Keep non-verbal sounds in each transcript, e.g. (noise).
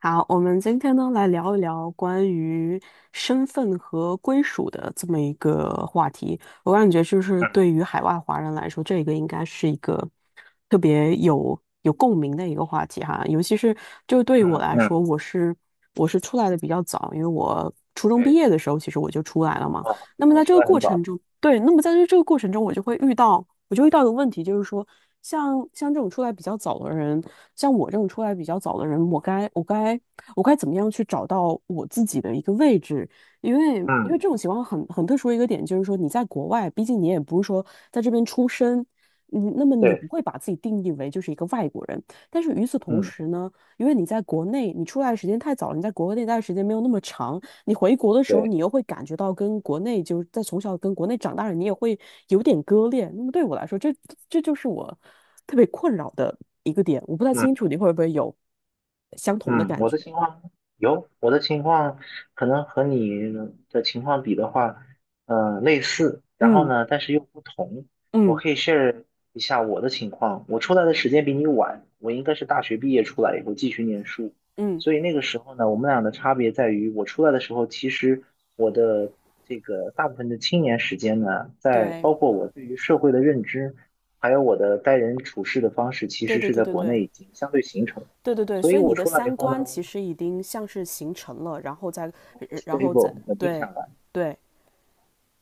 好，我们今天呢来聊一聊关于身份和归属的这么一个话题。我感觉就是对嗯于海外华人来说，这个应该是一个特别有共鸣的一个话题哈。尤其是就对于我嗯来嗯 说，我是出来的比较早，因为我初中毕 OK，业的时候其实我就出来了嘛。哦，那那么你在这出个来过很早，程中，对，那么在这个过程中，我就遇到一个问题，就是说，像这种出来比较早的人，像我这种出来比较早的人，我该怎么样去找到我自己的一个位置？因为因为嗯，这种情况很特殊的一个点，就是说你在国外，毕竟你也不是说在这边出生。嗯，那么你不对会把自己定义为就是一个外国人，但是与此同嗯时呢，因为你在国内，你出来的时间太早了，你在国内待的时间没有那么长，你回国的时候，对，你又会感觉到跟国内就是在从小跟国内长大的人你也会有点割裂。那么对我来说，这就是我特别困扰的一个点。我不太嗯清楚你会不会有相同的嗯，感觉。我的情况可能和你的情况比的话，类似，然后嗯呢，但是又不同。我嗯可以 share 一下我的情况。我出来的时间比你晚，我应该是大学毕业出来以后继续念书，嗯，所以那个时候呢，我们俩的差别在于，我出来的时候，其实我的这个大部分的青年时间呢，在对包括我对于社会的认知，还有我的待人处事的方式，其对实对是对在对国对内已经相对形成。对对对，所所以以你我的出来以三后呢，观我其实已经像是形成了，然后再是 然后再 stable 稳定下对来，对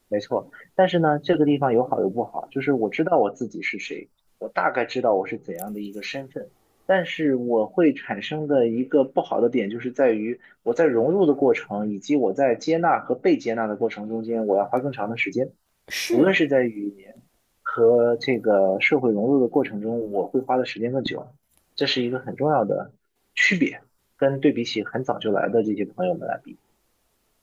没错。但是呢，这个地方有好有不好，就是我知道我自己是谁，我大概知道我是怎样的一个身份，但是我会产生的一个不好的点，就是在于我在融入的过程，以及我在接纳和被接纳的过程中间，我要花更长的时间。无论是。是在语言和这个社会融入的过程中，我会花的时间更久，这是一个很重要的区别，跟对比起很早就来的这些朋友们来比。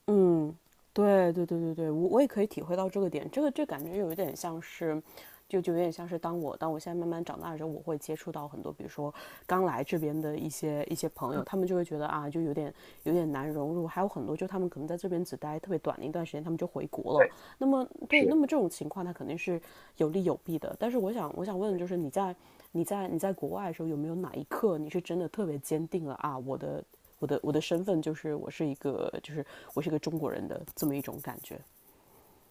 嗯，对对对对对，我也可以体会到这个点，这个这感觉有一点像是，就有点像是当我现在慢慢长大之后，我会接触到很多，比如说刚来这边的一些朋友，嗯，他们就会觉得啊，就有点难融入，还有很多就他们可能在这边只待特别短的一段时间，他们就回国了，对，那么对，那是，么这种情况它肯定是有利有弊的。但是我想问，对就是你在国外的时候，有没有哪一刻你是真的特别坚定了啊，我的身份就是我是一个就是我是一个中国人的这么一种感觉？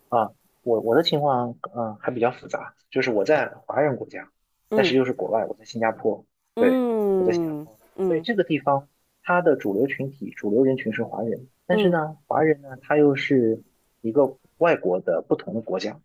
啊，我的情况还比较复杂，就是我在华人国家，但嗯是又是国外，我在新加坡，对，我在新加嗯坡，所以嗯这个地方它的主流群体、主流人群是华人，但是嗯，呢，华人呢他又是一个外国的不同的国家，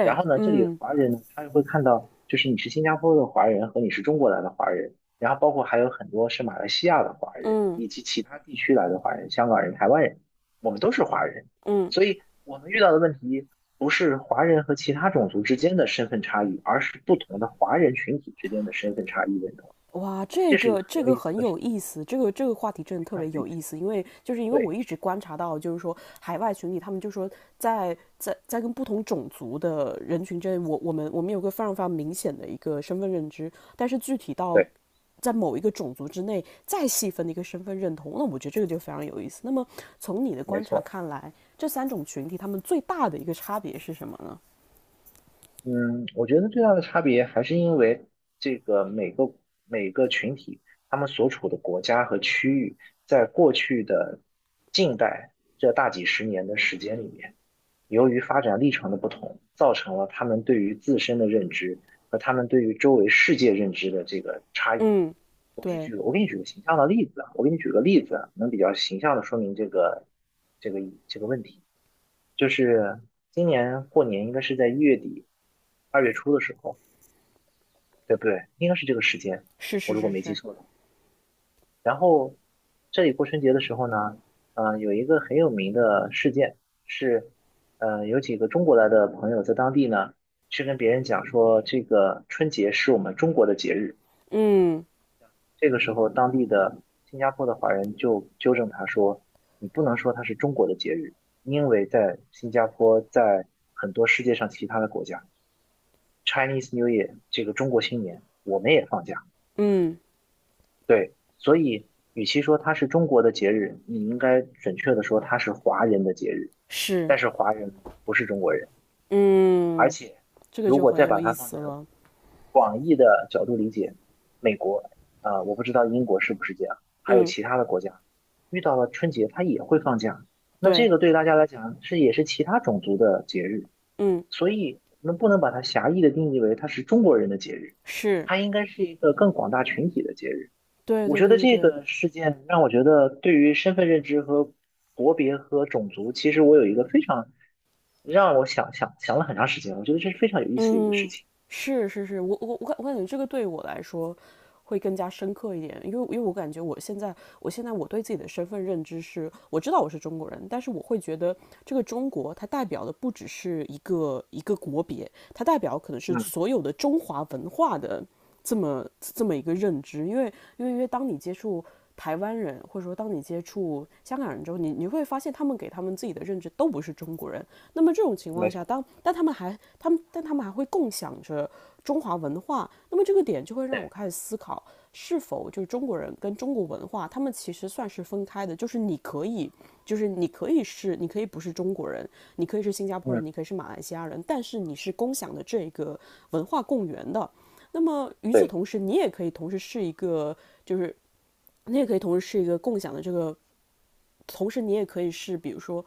然后呢，这里的嗯华人呢，他会看到，就是你是新加坡的华人和你是中国来的华人，然后包括还有很多是马来西亚的华人，嗯以及其他地区来的华人，香港人、台湾人，我们都是华人，嗯。所以我们遇到的问题不是华人和其他种族之间的身份差异，而是不同的华人群体之间的身份差异认同，哇，这这是一个个很这有个意思很的事有情，意思，这个话题真的特别看着有意意思。思，因为就是因为我对一直观察到，就是说海外群体，他们就说在在跟不同种族的人群之间，我们有个非常非常明显的一个身份认知，但是具体到对，在某一个种族之内再细分的一个身份认同，那我觉得这个就非常有意思。那么从你的没观察错。看来，这三种群体他们最大的一个差别是什么呢？嗯，我觉得最大的差别还是因为这个每个每个群体，他们所处的国家和区域，在过去的近代这大几十年的时间里面，由于发展历程的不同，造成了他们对于自身的认知和他们对于周围世界认知的这个差异。嗯，对，我给你举个形象的例子啊，我给你举个例子啊能比较形象的说明这个这个问题。就是今年过年应该是在一月底、二月初的时候，对不对？应该是这个时间，是我是如果是没记是，错的话。然后这里过春节的时候呢，有一个很有名的事件是，有几个中国来的朋友在当地呢，去跟别人讲说，这个春节是我们中国的节日。嗯这个时候，当地的新加坡的华人就纠正他说，你不能说它是中国的节日，因为在新加坡，在很多世界上其他的国家。Chinese New Year 这个中国新年，我们也放假。嗯对，所以与其说它是中国的节日，你应该准确的说它是华人的节日。是。但是华人不是中国人，而嗯，且这个如就果很再有把它意放思在了。广义的角度理解，美国，我不知道英国是不是这样，还有嗯，其他的国家，遇到了春节它也会放假。那这对，个对大家来讲是也是其他种族的节日，嗯，所以我们不能把它狭义的定义为它是中国人的节日，是，它应该是一个更广大群体的节日。对我对觉对得对这对。个事件让我觉得，对于身份认知和国别和种族，其实我有一个非常让我想了很长时间，我觉得这是非常有意思的一个事嗯，情。是是是，我感觉这个对我来说会更加深刻一点，因为我感觉我现在我对自己的身份认知是，我知道我是中国人，但是我会觉得这个中国它代表的不只是一个国别，它代表可能是嗯，所有的中华文化的这么一个认知，因为当你接触台湾人，或者说当你接触香港人之后，你会发现他们给他们自己的认知都不是中国人，那么这种情况没下，错，当但他们还他们但他们还会共享着中华文化，那么这个点就会让我对，开始思考，是否就是中国人跟中国文化，他们其实算是分开的，就是你可以是，你可以不是中国人，你可以是新加坡人，嗯，你可以是马来西亚人，但是你是共享的这个文化共源的。那么与此对，同时，你也可以同时是一个，就是你也可以同时是一个共享的这个，同时你也可以是，比如说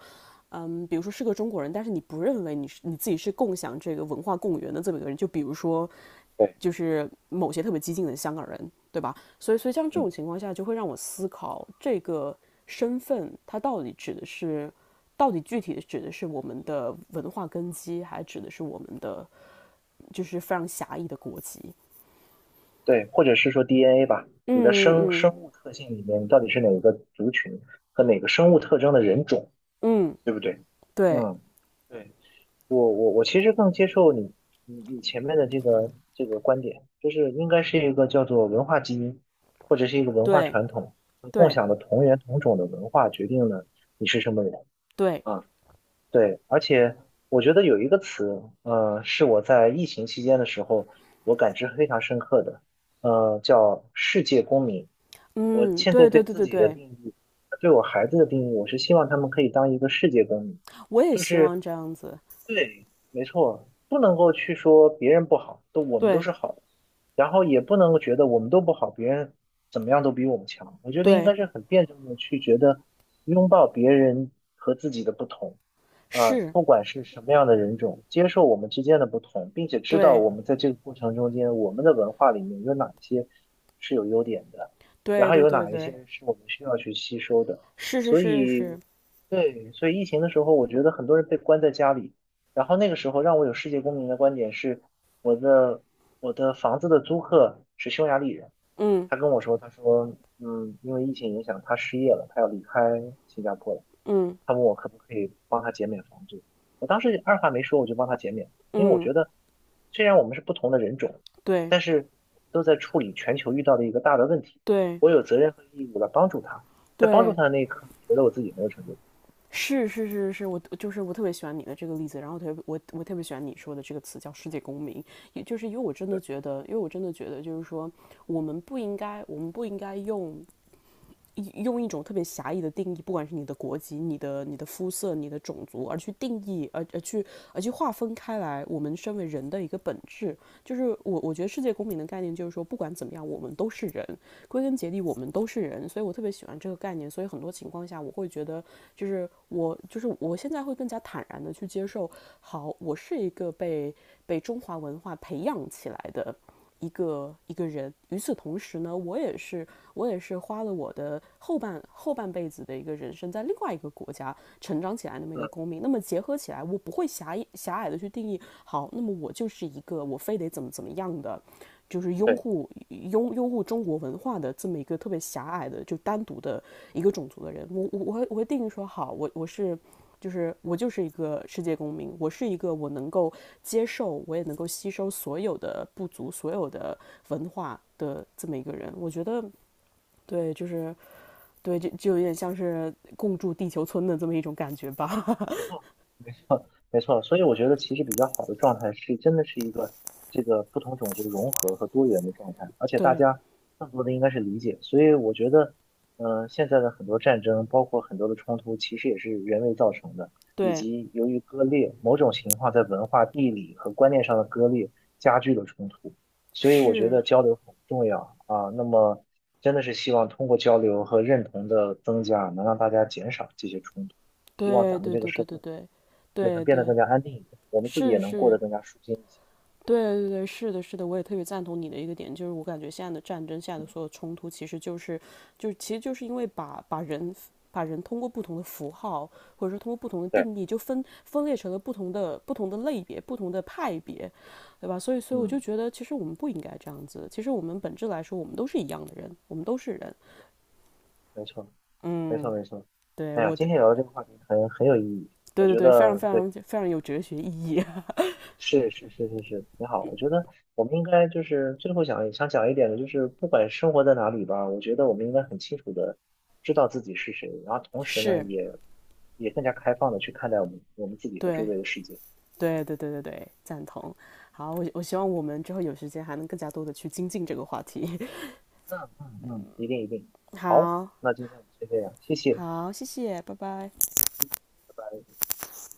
嗯，比如说是个中国人，但是你不认为你自己是共享这个文化共源的这么一个人，就比如说对，就是某些特别激进的香港人，对吧？所以，所以像这嗯，种情况下，就会让我思考这个身份它到底指的是，到底具体的指的是我们的文化根基，还指的是我们的就是非常狭义的国籍？对，或者是说 DNA 吧，嗯你的嗯生嗯生物特性里面，你到底是哪个族群和哪个生物特征的人种，嗯，对不对？对嗯。对。我其实更接受你前面的这个观点，就是应该是一个叫做文化基因，或者是一个文化对传统，共对享的同源同种的文化决定了你是什么人对，啊。对，而且我觉得有一个词，是我在疫情期间的时候我感知非常深刻的，叫世界公民。我嗯现在对对对对自对己的对，定义，对我孩子的定义，我是希望他们可以当一个世界公民。我也就希是望这样子，对，没错，不能够去说别人不好，都我们都对是好的，然后也不能够觉得我们都不好，别人怎么样都比我们强。我觉得应对该是很辩证的去觉得拥抱别人和自己的不同啊，是。不管是什么样的人种，接受我们之间的不同，并且知道对我们在这个过程中间，我们的文化里面有哪一些是有优点的，然对后对有对哪一对，些是我们需要去吸收的，是是所是是，以。对，所以疫情的时候，我觉得很多人被关在家里，然后那个时候让我有世界公民的观点是，我的我的房子的租客是匈牙利人，嗯他跟我说，他说，嗯，因为疫情影响，他失业了，他要离开新加坡了，嗯他问我可不可以帮他减免房租，我当时二话没说，我就帮他减免，因为我嗯，觉得虽然我们是不同的人种，对但是都在处理全球遇到的一个大的问题，对我有责任和义务来帮助他，在帮助对，他的那一刻，我觉得我自己很有成就感是是是是，我就是我特别喜欢你的这个例子，然后特别我特别喜欢你说的这个词叫世界公民，也就是因为我真的觉得，因为我真的觉得就是说，我们不应该用一种特别狭义的定义，不管是你的国籍、你的、你的肤色、你的种族，而去定义，而去划分开来，我们身为人的一个本质，就是我觉得世界公民的概念就是说，不管怎么样，我们都是人，归根结底我们都是人，所以我特别喜欢这个概念，所以很多情况下我会觉得，就是我现在会更加坦然的去接受，好，我是一个被被中华文化培养起来的一个人。与此同时呢，我也是花了我的后半辈子的一个人生，在另外一个国家成长起来那么一嗯，个公民。那么结合起来，我不会狭隘的去定义，好，那么我就是一个我非得怎么样的，就是拥对。护拥拥护中国文化的这么一个特别狭隘的就单独的一个种族的人。我定义说，好，我就是我就是一个世界公民，我是一个我能够接受，我也能够吸收所有的不足、所有的文化的这么一个人。我觉得，对，就是对，就有点像是共筑地球村的这么一种感觉吧。没错。没错，所以我觉得其实比较好的状态是，真的是一个这个不同种族融合和多元的状态，而 (laughs) 且大对，家更多的应该是理解。所以我觉得，现在的很多战争，包括很多的冲突，其实也是人为造成的，以对，及由于割裂，某种情况在文化、地理和观念上的割裂加剧了冲突。所以我觉是，得交流很重要啊。那么真的是希望通过交流和认同的增加，能让大家减少这些冲突。希望对，咱们对，这个对，对，社对，会。对，对，能对，变得对，更加安定一点，我们自己也是能过得是，更加舒心一些。对对对，是的，是的，我也特别赞同你的一个点，就是我感觉现在的战争，现在嗯，的所有冲突，其实就是，其实就是因为把人通过不同的符号，或者说通过不同的对，定义，就分裂成了不同的类别、不同的派别，对吧？所以，所以我嗯，就觉得，其实我们不应该这样子。其实我们本质来说，我们都是一样的人，我们都是人。对，没错，没错，嗯，没错。对，哎呀，我今的，天聊的这个话题很有意义，我对对觉对，非常得非对，常非常有哲学意义，是是是是是，挺好。我觉得我们应该就是最后想想讲一点的，就是不管生活在哪里吧，我觉得我们应该很清楚的知道自己是谁，然后 (laughs) 同时呢，是也更加开放的去看待我们自己和周对。围的世界。对对对对对，赞同。好，我希望我们之后有时间还能更加多的去精进这个话题。嗯嗯嗯，一定一定。(laughs) 好，好，那今天我们先这样，谢谢，好，谢谢，拜拜。嗯，拜拜。